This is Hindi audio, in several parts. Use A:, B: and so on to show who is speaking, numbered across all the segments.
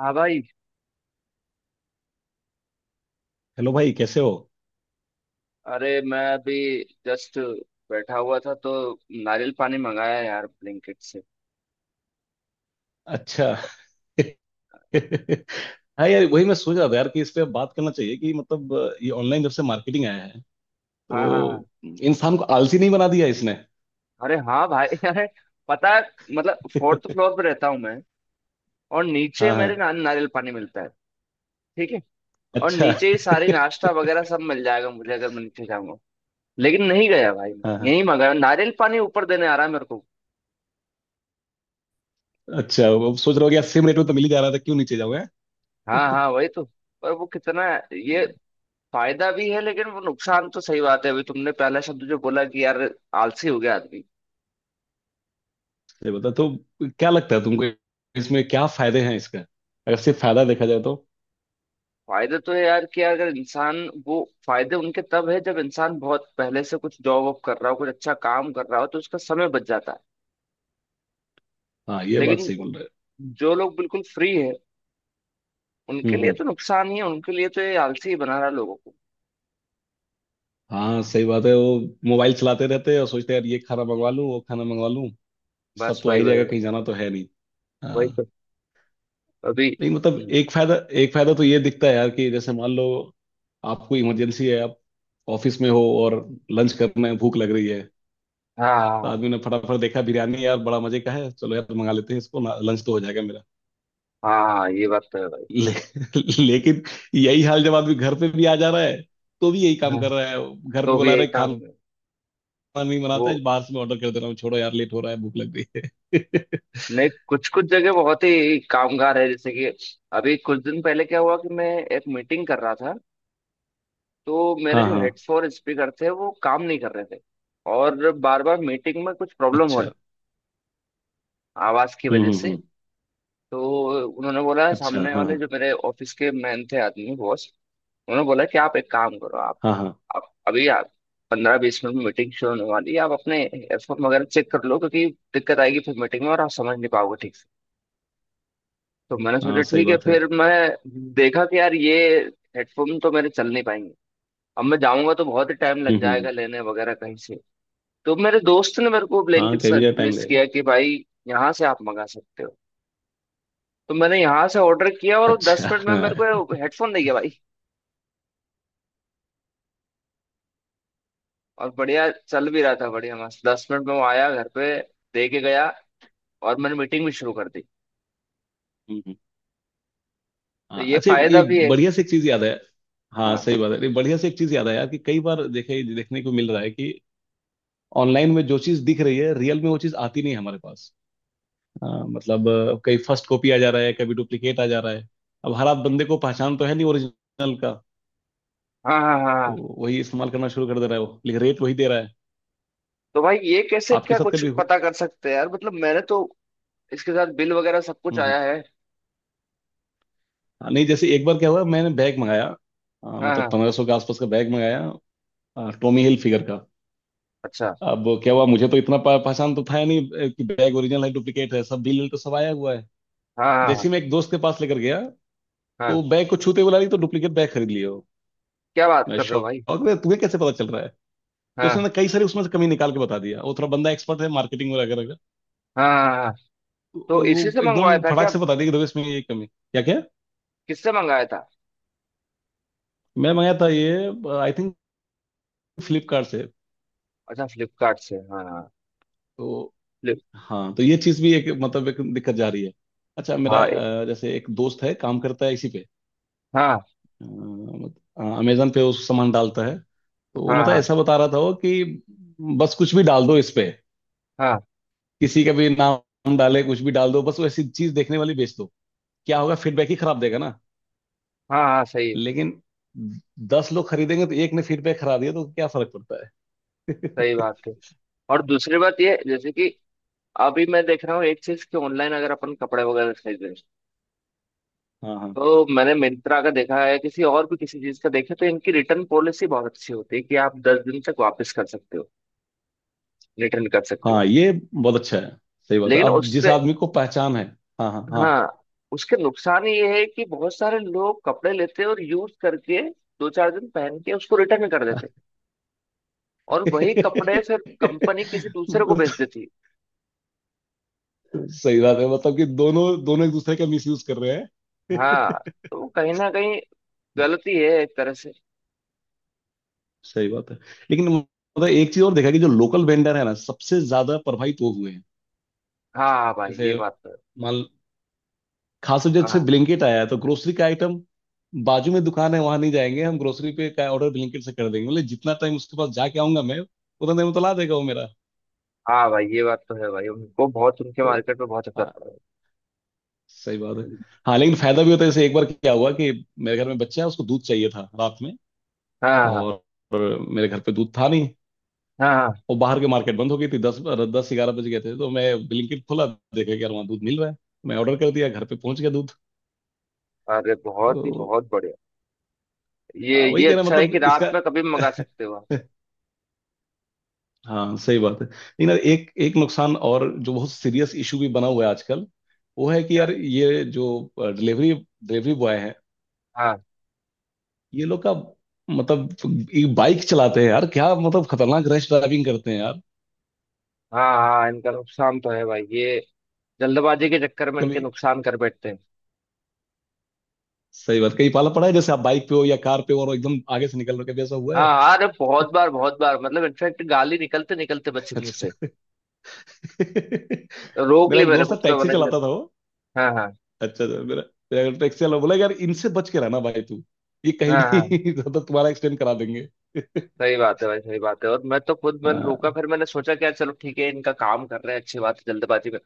A: हाँ भाई।
B: हेलो भाई, कैसे हो?
A: अरे मैं अभी जस्ट बैठा हुआ था तो नारियल पानी मंगाया यार ब्लिंकिट से।
B: अच्छा। हाँ यार, वही मैं सोच रहा था यार कि इस पे बात करना चाहिए कि मतलब ये ऑनलाइन जब से मार्केटिंग आया है
A: हाँ हाँ
B: तो
A: हाँ।
B: इंसान को आलसी नहीं बना दिया इसने?
A: अरे हाँ भाई अरे पता है, मतलब फोर्थ फ्लोर पे रहता हूँ मैं, और नीचे
B: हाँ हाँ।
A: मेरे ना, नारियल पानी मिलता है। ठीक है। और
B: अच्छा।
A: नीचे ही सारी नाश्ता वगैरह सब मिल जाएगा मुझे अगर मैं नीचे जाऊंगा। लेकिन नहीं गया भाई
B: हाँ
A: मैं,
B: हाँ।
A: यही मंगाया, नारियल पानी ऊपर देने आ रहा है मेरे को।
B: अच्छा, अब सोच रहा हो कि यार सेम रेट में तो मिल ही जा रहा था, क्यों नीचे जाओगे।
A: हाँ हाँ, वही तो। पर वो कितना, ये
B: हम्म,
A: फायदा भी है, लेकिन वो नुकसान तो सही बात है। अभी तुमने पहला शब्द जो बोला कि यार आलसी हो गया आदमी।
B: ये बता तो, क्या लगता है तुमको इसमें क्या फायदे हैं इसका, अगर सिर्फ फायदा देखा जाए तो।
A: फायदे तो है यार कि अगर इंसान वो, फायदे उनके तब है जब इंसान बहुत पहले से कुछ जॉब वॉब कर रहा हो, कुछ अच्छा काम कर रहा हो, तो उसका समय बच जाता है।
B: हाँ, ये बात
A: लेकिन
B: सही बोल रहे हो।
A: जो लोग बिल्कुल फ्री है, उनके लिए
B: हम्म।
A: तो नुकसान ही है, उनके लिए तो ये आलसी ही बना रहा है लोगों को।
B: हाँ सही बात है वो, मोबाइल चलाते रहते हैं और सोचते हैं यार, ये खाना मंगवा लूँ वो खाना मंगवा लूँ, सब
A: बस
B: तो आ
A: वही
B: ही
A: वही
B: जाएगा,
A: वही।
B: कहीं जाना तो है नहीं।
A: वही
B: हाँ।
A: तो। अभी
B: नहीं मतलब एक फायदा, एक फायदा तो ये दिखता है यार कि जैसे मान लो आपको इमरजेंसी है, आप ऑफिस में हो और लंच करना है, भूख लग रही है,
A: हाँ
B: तो
A: हाँ
B: आदमी ने फटाफट देखा, बिरयानी यार बड़ा मजे का है, चलो यार मंगा लेते हैं इसको ना, लंच तो हो जाएगा मेरा।
A: हाँ, हाँ, ये बात तो है भाई।
B: ले, लेकिन यही हाल जब आदमी घर पे भी आ जा रहा है तो भी यही काम
A: हाँ,
B: कर रहा है, घर पे
A: तो भी
B: बुला
A: यही
B: रहे
A: काम
B: खाना,
A: है
B: नहीं
A: वो।
B: बनाता है, बाहर से मैं ऑर्डर कर दे रहा हूँ, छोड़ो यार लेट हो रहा है, भूख लग रही है।
A: नहीं, कुछ कुछ जगह बहुत ही कामगार है, जैसे कि अभी कुछ दिन पहले क्या हुआ कि मैं एक मीटिंग कर रहा था, तो मेरे
B: हाँ
A: जो
B: हाँ।
A: हेड्स और स्पीकर थे वो काम नहीं कर रहे थे, और बार बार मीटिंग में कुछ प्रॉब्लम हो रही
B: अच्छा।
A: आवाज की वजह से।
B: हम्म।
A: तो उन्होंने बोला,
B: अच्छा,
A: सामने
B: हाँ
A: वाले
B: हाँ
A: जो मेरे ऑफिस के मैन थे, आदमी, बॉस, उन्होंने बोला कि आप एक काम करो। आप,
B: हाँ हाँ।
A: आप अभी आप 15-20 मिनट में मीटिंग शुरू होने वाली है, आप अपने एयरफोन वगैरह चेक कर लो, क्योंकि दिक्कत आएगी फिर मीटिंग में और आप समझ नहीं पाओगे ठीक से। तो मैंने सोचा
B: हाँ सही
A: ठीक है,
B: बात है।
A: फिर मैं देखा कि यार ये हेडफोन तो मेरे चल नहीं पाएंगे। अब मैं जाऊंगा तो बहुत ही टाइम लग
B: हम्म
A: जाएगा
B: हम्म,
A: लेने वगैरह कहीं से। तो मेरे दोस्त ने मेरे को
B: हाँ,
A: ब्लैंकेट
B: कई बजे टाइम
A: सजेस्ट
B: लगेगा।
A: किया कि भाई यहाँ से आप मंगा सकते हो। तो मैंने यहाँ से ऑर्डर किया और वो दस
B: अच्छा
A: मिनट में मेरे
B: हाँ।
A: को हेडफोन दे गया भाई। और बढ़िया चल भी रहा था, बढ़िया मस्त। 10 मिनट में वो आया घर पे, दे के गया, और मैंने मीटिंग भी शुरू कर दी।
B: हम्म, हम्म।
A: तो
B: हाँ,
A: ये
B: अच्छा ये
A: फायदा भी है।
B: बढ़िया से एक चीज याद है। हाँ
A: हाँ
B: सही बात है। नहीं, बढ़िया से एक चीज याद है यार कि कई बार देखे, देखने को मिल रहा है कि ऑनलाइन में जो चीज दिख रही है रियल में वो चीज आती नहीं है हमारे पास। हाँ, मतलब कई फर्स्ट कॉपी आ जा रहा है, कभी डुप्लीकेट आ जा रहा है, अब हर आध बंदे को पहचान तो है नहीं ओरिजिनल का,
A: हाँ हाँ हाँ हाँ।
B: तो वही इस्तेमाल करना शुरू कर दे रहा है वो, लेकिन रेट वही दे रहा है।
A: तो भाई ये कैसे,
B: आपके
A: क्या
B: साथ
A: कुछ
B: कभी हो-
A: पता कर सकते हैं यार? मतलब मैंने तो इसके साथ बिल वगैरह सब कुछ
B: हम्म हम्म।
A: आया है।
B: हाँ, नहीं, जैसे एक बार क्या हुआ, मैंने बैग मंगाया,
A: हाँ
B: मतलब
A: हाँ।
B: 1500 के आसपास का बैग मंगाया, टॉमी हिल फिगर का।
A: अच्छा।
B: अब क्या हुआ, मुझे तो इतना पहचान तो था नहीं कि बैग ओरिजिनल है डुप्लीकेट है, सब बिल तो सब आया हुआ है।
A: हाँ हाँ हाँ
B: जैसे ही मैं एक दोस्त के पास लेकर गया
A: हाँ।
B: तो बैग को छूते बोला, रही तो डुप्लीकेट बैग खरीद लियो।
A: क्या बात
B: मैं
A: कर रहे हो भाई!
B: शौक में, तुम्हें कैसे पता चल रहा है? तो उसने
A: हाँ
B: ना कई सारी उसमें से कमी निकाल के बता दिया, वो थोड़ा बंदा एक्सपर्ट है मार्केटिंग वगैरह वगैरह,
A: हाँ हाँ हाँ। हाँ।
B: तो
A: तो इसी से
B: वो
A: मंगवाया
B: एकदम
A: था क्या?
B: फटाक से बता दिया कि देखो इसमें ये कमी क्या क्या।
A: किससे मंगाया था?
B: मैं मंगाया था ये, आई थिंक फ्लिपकार्ट से।
A: अच्छा, फ्लिपकार्ट से। हाँ हाँ,
B: तो
A: फ्लिप।
B: हाँ, तो ये चीज भी एक मतलब एक दिक्कत जा रही है। अच्छा, मेरा
A: हाँ।
B: अ, जैसे एक दोस्त है काम करता है इसी पे,
A: हाँ
B: मतलब अमेजन पे उस सामान डालता है, तो वो
A: हाँ
B: मतलब
A: हाँ
B: ऐसा बता रहा था वो कि बस कुछ भी डाल दो इस पे,
A: हाँ
B: किसी का भी नाम डाले कुछ भी डाल दो, बस वो ऐसी चीज देखने वाली बेच दो, क्या होगा, फीडबैक ही खराब देगा ना,
A: हाँ। हाँ सही है।
B: लेकिन 10 लोग खरीदेंगे तो एक ने फीडबैक खराब दिया तो क्या फर्क पड़ता
A: सही
B: है।
A: बात है। और दूसरी बात ये है, जैसे कि अभी मैं देख रहा हूँ एक चीज कि ऑनलाइन अगर अपन कपड़े वगैरह खरीद रहे हैं,
B: हाँ हाँ
A: तो मैंने मिंत्रा का देखा है, किसी और भी किसी चीज का देखा, तो इनकी रिटर्न पॉलिसी बहुत अच्छी होती है कि आप 10 दिन तक वापस कर सकते हो, रिटर्न कर सकते हो।
B: हाँ। ये बहुत अच्छा है। सही बात है,
A: लेकिन
B: अब जिस
A: उससे,
B: आदमी को पहचान है। हाँ हाँ हाँ।
A: हाँ, उसके नुकसान ये है कि बहुत सारे लोग कपड़े लेते हैं और यूज करके दो चार दिन पहन के उसको रिटर्न कर देते हैं, और वही कपड़े
B: सही
A: फिर कंपनी किसी दूसरे को बेच देती है।
B: बात है, मतलब कि दोनों दोनों एक दूसरे का मिसयूज कर रहे हैं।
A: हाँ, तो कहीं ना कहीं गलती है एक तरह से।
B: सही बात है, लेकिन मतलब एक चीज और देखा कि जो लोकल वेंडर है ना, सबसे ज्यादा प्रभावित वो हुए हैं।
A: हाँ भाई, ये
B: जैसे,
A: बात तो है।
B: मान, खास तौर से
A: हाँ
B: ब्लिंकिट आया है, तो ग्रोसरी का आइटम, बाजू में दुकान है, वहां नहीं जाएंगे हम, ग्रोसरी पे का ऑर्डर ब्लिंकिट से कर देंगे, मतलब जितना टाइम उसके पास जाके आऊंगा मैं, उतना टाइम तो ला देगा वो मेरा।
A: हाँ भाई, ये बात तो है भाई, उनको बहुत, उनके
B: तो
A: मार्केट में बहुत असर
B: हाँ,
A: पड़ा
B: सही बात है।
A: है।
B: हाँ लेकिन फायदा भी होता है, जैसे एक बार क्या हुआ कि मेरे घर में बच्चा है, उसको दूध चाहिए था रात में
A: हाँ हाँ
B: और मेरे घर पे दूध था नहीं,
A: हाँ हाँ।
B: और बाहर के मार्केट बंद हो गई थी, दस 10-11 बज गए थे, तो मैं ब्लिंकिट खोला, देखा कि यार वहाँ दूध मिल रहा है, मैं ऑर्डर कर दिया, घर पे पहुंच गया दूध।
A: अरे बहुत ही,
B: तो
A: बहुत बढ़िया। ये
B: हाँ, वही कह रहा
A: अच्छा है
B: मतलब
A: कि
B: इसका।
A: रात में कभी भी मंगा सकते हो आप।
B: हाँ सही बात है, लेकिन यार एक एक नुकसान और जो बहुत सीरियस इशू भी बना हुआ है आजकल, वो है कि
A: क्या?
B: यार ये जो डिलीवरी डिलीवरी बॉय है,
A: हाँ
B: ये लोग का मतलब ये बाइक चलाते हैं यार, क्या मतलब खतरनाक रैश ड्राइविंग करते हैं यार।
A: हाँ हाँ, इनका नुकसान तो है भाई, ये जल्दबाजी के चक्कर में इनके
B: कभी
A: नुकसान कर बैठते हैं।
B: सही बात, कहीं पाला पड़ा है जैसे आप बाइक पे हो या कार पे हो और एकदम आगे से निकल रहे हो, कभी ऐसा हुआ
A: हाँ
B: है?
A: हाँ, अरे बहुत बार बहुत बार, मतलब इनफेक्ट गाली निकलते निकलते बच्चे मुंह से,
B: अच्छा,
A: रोक
B: मेरा
A: ली
B: एक
A: मैंने,
B: दोस्त था
A: खुद का
B: टैक्सी
A: मैंने
B: चलाता था वो,
A: हाँ हाँ
B: अच्छा अच्छा, मेरा मेरा टैक्सी वाला बोला यार इनसे बच के रहना भाई तू, ये कहीं
A: हाँ हाँ।
B: भी ज्यादा तुम्हारा एक्सटेंड करा देंगे।
A: सही बात है भाई, सही बात है। और मैं तो खुद, मैंने रोका,
B: हाँ।
A: फिर मैंने सोचा क्या, चलो ठीक है, इनका काम कर रहे हैं, अच्छी बात है, जल्दबाजी में।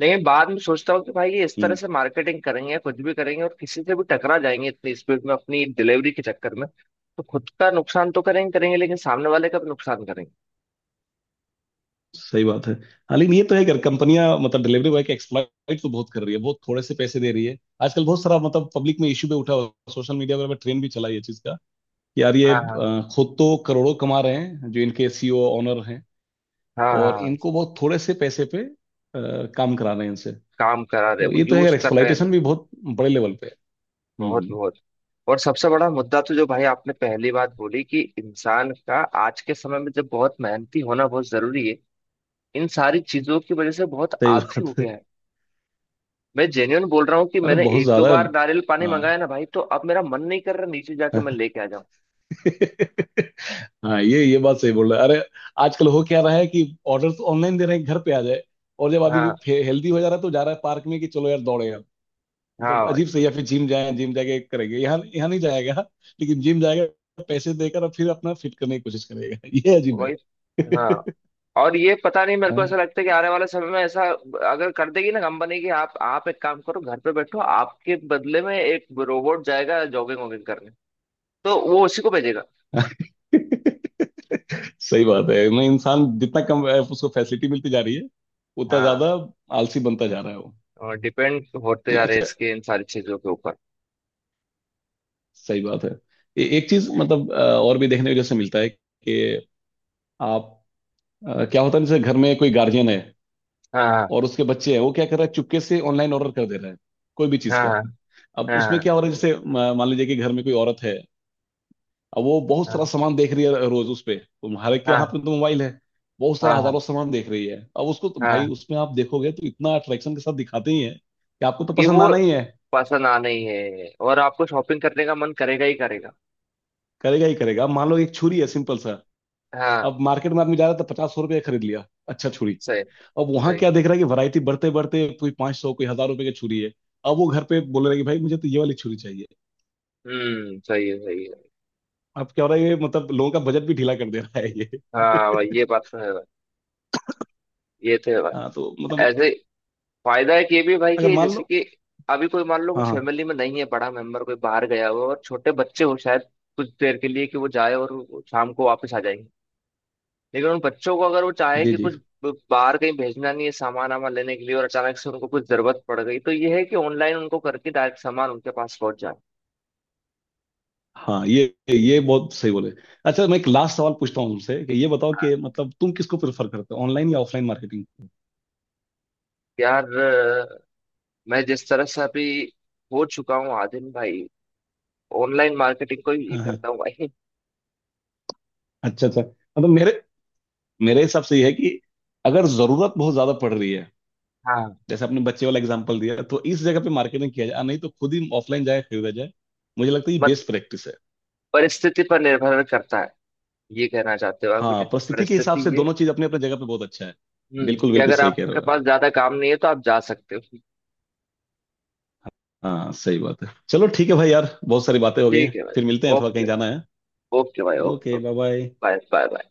A: लेकिन बाद में सोचता हूँ कि भाई ये इस तरह
B: हम्म,
A: से मार्केटिंग करेंगे, कुछ भी करेंगे, और किसी से भी टकरा जाएंगे इतनी स्पीड में अपनी डिलीवरी के चक्कर में। तो खुद का नुकसान तो करेंगे करेंगे, लेकिन सामने वाले का भी नुकसान करेंगे।
B: सही बात है। हाँ लेकिन ये तो है कि कंपनियां मतलब डिलीवरी बॉय के एक्सप्लॉइट तो बहुत कर रही है, बहुत थोड़े से पैसे दे रही है। आजकल बहुत सारा मतलब पब्लिक में इश्यू भी उठा हुआ, सोशल मीडिया वगैरह में ट्रेंड भी चला है ये चीज का, कि यार ये
A: हाँ हाँ।
B: खुद तो करोड़ों कमा रहे हैं जो इनके सीईओ ऑनर हैं,
A: हाँ
B: और
A: हाँ,
B: इनको बहुत थोड़े से पैसे पे काम करा रहे हैं इनसे।
A: काम करा रहे,
B: तो
A: वो
B: ये तो है
A: यूज
B: यार,
A: कर रहे हैं
B: एक्सप्लॉइटेशन भी
A: इनका।
B: बहुत बड़े लेवल पे है।
A: बहुत
B: हम्म।
A: बहुत। और सबसे बड़ा मुद्दा तो जो भाई आपने पहली बात बोली कि इंसान का, आज के समय में जब बहुत मेहनती होना बहुत जरूरी है, इन सारी चीजों की वजह से बहुत
B: सही
A: आलसी
B: बात
A: हो
B: है।
A: गया है। मैं जेन्युइन बोल रहा हूँ कि
B: अरे
A: मैंने
B: बहुत
A: एक दो
B: ज्यादा है।
A: बार नारियल पानी
B: हाँ।
A: मंगाया ना भाई, तो अब मेरा मन नहीं कर रहा नीचे जाके मैं लेके आ जाऊँ।
B: हाँ ये बात सही बोल रहे हैं। अरे आजकल हो क्या रहा है कि ऑर्डर तो ऑनलाइन दे रहे हैं घर पे आ जाए, और जब
A: हाँ
B: आदमी हेल्दी हो जा रहा है तो जा रहा है पार्क में कि चलो यार दौड़े यार,
A: हाँ
B: मतलब अजीब से,
A: भाई।
B: या फिर जिम जाए, जिम जाके करेंगे, यहाँ यहाँ नहीं जाएगा, लेकिन जिम जाएगा पैसे देकर और फिर अपना फिट करने की कोशिश करेगा। ये अजीब है।
A: वही। हाँ। और ये पता नहीं, मेरे को ऐसा लगता है कि आने वाले समय में ऐसा अगर कर देगी ना कंपनी की, आप एक काम करो, घर पे बैठो, आपके बदले में एक रोबोट जाएगा जॉगिंग वॉगिंग करने, तो वो उसी को भेजेगा।
B: हाँ। सही बात है, मैं इंसान जितना कम उसको फैसिलिटी मिलती जा रही है, उतना
A: हाँ।
B: ज्यादा आलसी बनता जा रहा है वो।
A: और डिपेंड होते
B: नहीं,
A: जा रहे हैं
B: अच्छा,
A: इसके, इन सारी चीजों के ऊपर।
B: सही बात है। एक चीज मतलब और भी देखने को जैसे मिलता है कि आप, क्या होता है, जैसे घर में कोई गार्जियन है
A: हाँ
B: और उसके बच्चे हैं, वो क्या कर रहा है, चुपके से ऑनलाइन ऑर्डर कर दे रहा है कोई भी चीज
A: हाँ
B: का।
A: हाँ
B: अब उसमें
A: हाँ
B: क्या हो रहा है, जैसे मान लीजिए कि घर में कोई औरत है, अब वो बहुत सारा
A: हाँ
B: सामान देख रही है रोज उस पे, तुम्हारे के
A: हाँ
B: हाथ में तो मोबाइल है, बहुत
A: हाँ
B: सारा
A: हाँ
B: हजारों सामान देख रही है, अब उसको तो भाई
A: हाँ,
B: उसमें आप देखोगे तो इतना अट्रैक्शन के साथ दिखाते ही है कि आपको तो
A: कि
B: पसंद
A: वो
B: आना ही है,
A: पसंद आना ही है और आपको शॉपिंग करने का मन करेगा ही करेगा।
B: करेगा ही करेगा। अब मान लो एक छुरी है सिंपल सा,
A: हाँ
B: अब मार्केट में आदमी जा रहा था, पचास सौ रुपये खरीद लिया अच्छा छुरी,
A: सही।
B: अब वहां
A: सही।
B: क्या देख रहा है कि वैरायटी बढ़ते बढ़ते कोई 500 कोई 1000 रुपए की छुरी है, अब वो घर पे बोल रहा है कि भाई मुझे तो ये वाली छुरी चाहिए।
A: हम्म, सही है, सही है।
B: अब क्या हो रहा है, ये मतलब लोगों का बजट भी ढीला कर दे रहा है ये।
A: हाँ भाई, ये बात तो है भाई, ये तो है
B: हाँ
A: भाई।
B: तो मतलब,
A: ऐसे फायदा है कि भी भाई,
B: अगर
A: कि
B: मान
A: जैसे
B: लो,
A: कि अभी कोई, मान लो कोई
B: हाँ हाँ,
A: फैमिली में नहीं है, बड़ा मेंबर कोई बाहर गया हुआ है और छोटे बच्चे हो शायद कुछ देर के लिए, कि वो जाए और वो शाम को वापस आ जाएंगे, लेकिन उन बच्चों को अगर वो चाहे
B: जी
A: कि
B: जी,
A: कुछ, बाहर कहीं भेजना नहीं है सामान वामान लेने के लिए, और अचानक से उनको कुछ जरूरत पड़ गई, तो ये है कि ऑनलाइन उनको करके डायरेक्ट सामान उनके पास पहुंच जाए।
B: हाँ, ये बहुत सही बोले। अच्छा मैं एक लास्ट सवाल पूछता हूँ तुमसे कि ये बताओ कि मतलब तुम किसको प्रेफर करते हो, ऑनलाइन या ऑफलाइन मार्केटिंग?
A: यार मैं जिस तरह से अभी हो चुका हूँ आदिन भाई, ऑनलाइन मार्केटिंग को ही
B: हाँ हाँ।
A: करता हूँ भाई।
B: अच्छा अच्छा, मतलब मेरे मेरे हिसाब से ये है कि अगर जरूरत बहुत ज्यादा पड़ रही है
A: हाँ।
B: जैसे आपने बच्चे वाला एग्जांपल दिया, तो इस जगह पे मार्केटिंग किया जाए, नहीं तो खुद ही ऑफलाइन जाए खरीदा जाए। मुझे लगता है ये
A: मत,
B: बेस्ट प्रैक्टिस है।
A: परिस्थिति पर निर्भर करता है, ये कहना चाहते हो आप,
B: हाँ,
A: जैसी
B: परिस्थिति के हिसाब
A: परिस्थिति
B: से
A: है।
B: दोनों चीज अपने अपने जगह पे बहुत अच्छा है।
A: हम्म,
B: बिल्कुल
A: कि
B: बिल्कुल
A: अगर
B: सही कह रहे
A: आपके
B: हो यार।
A: पास ज्यादा काम नहीं है तो आप जा सकते हो।
B: हाँ सही बात है, चलो ठीक है भाई यार, बहुत सारी बातें हो गई
A: ठीक
B: हैं,
A: है
B: फिर मिलते
A: भाई।
B: हैं, थोड़ा कहीं
A: ओके।
B: जाना है।
A: ओके भाई, okay.
B: Okay, bye bye.
A: Bye bye.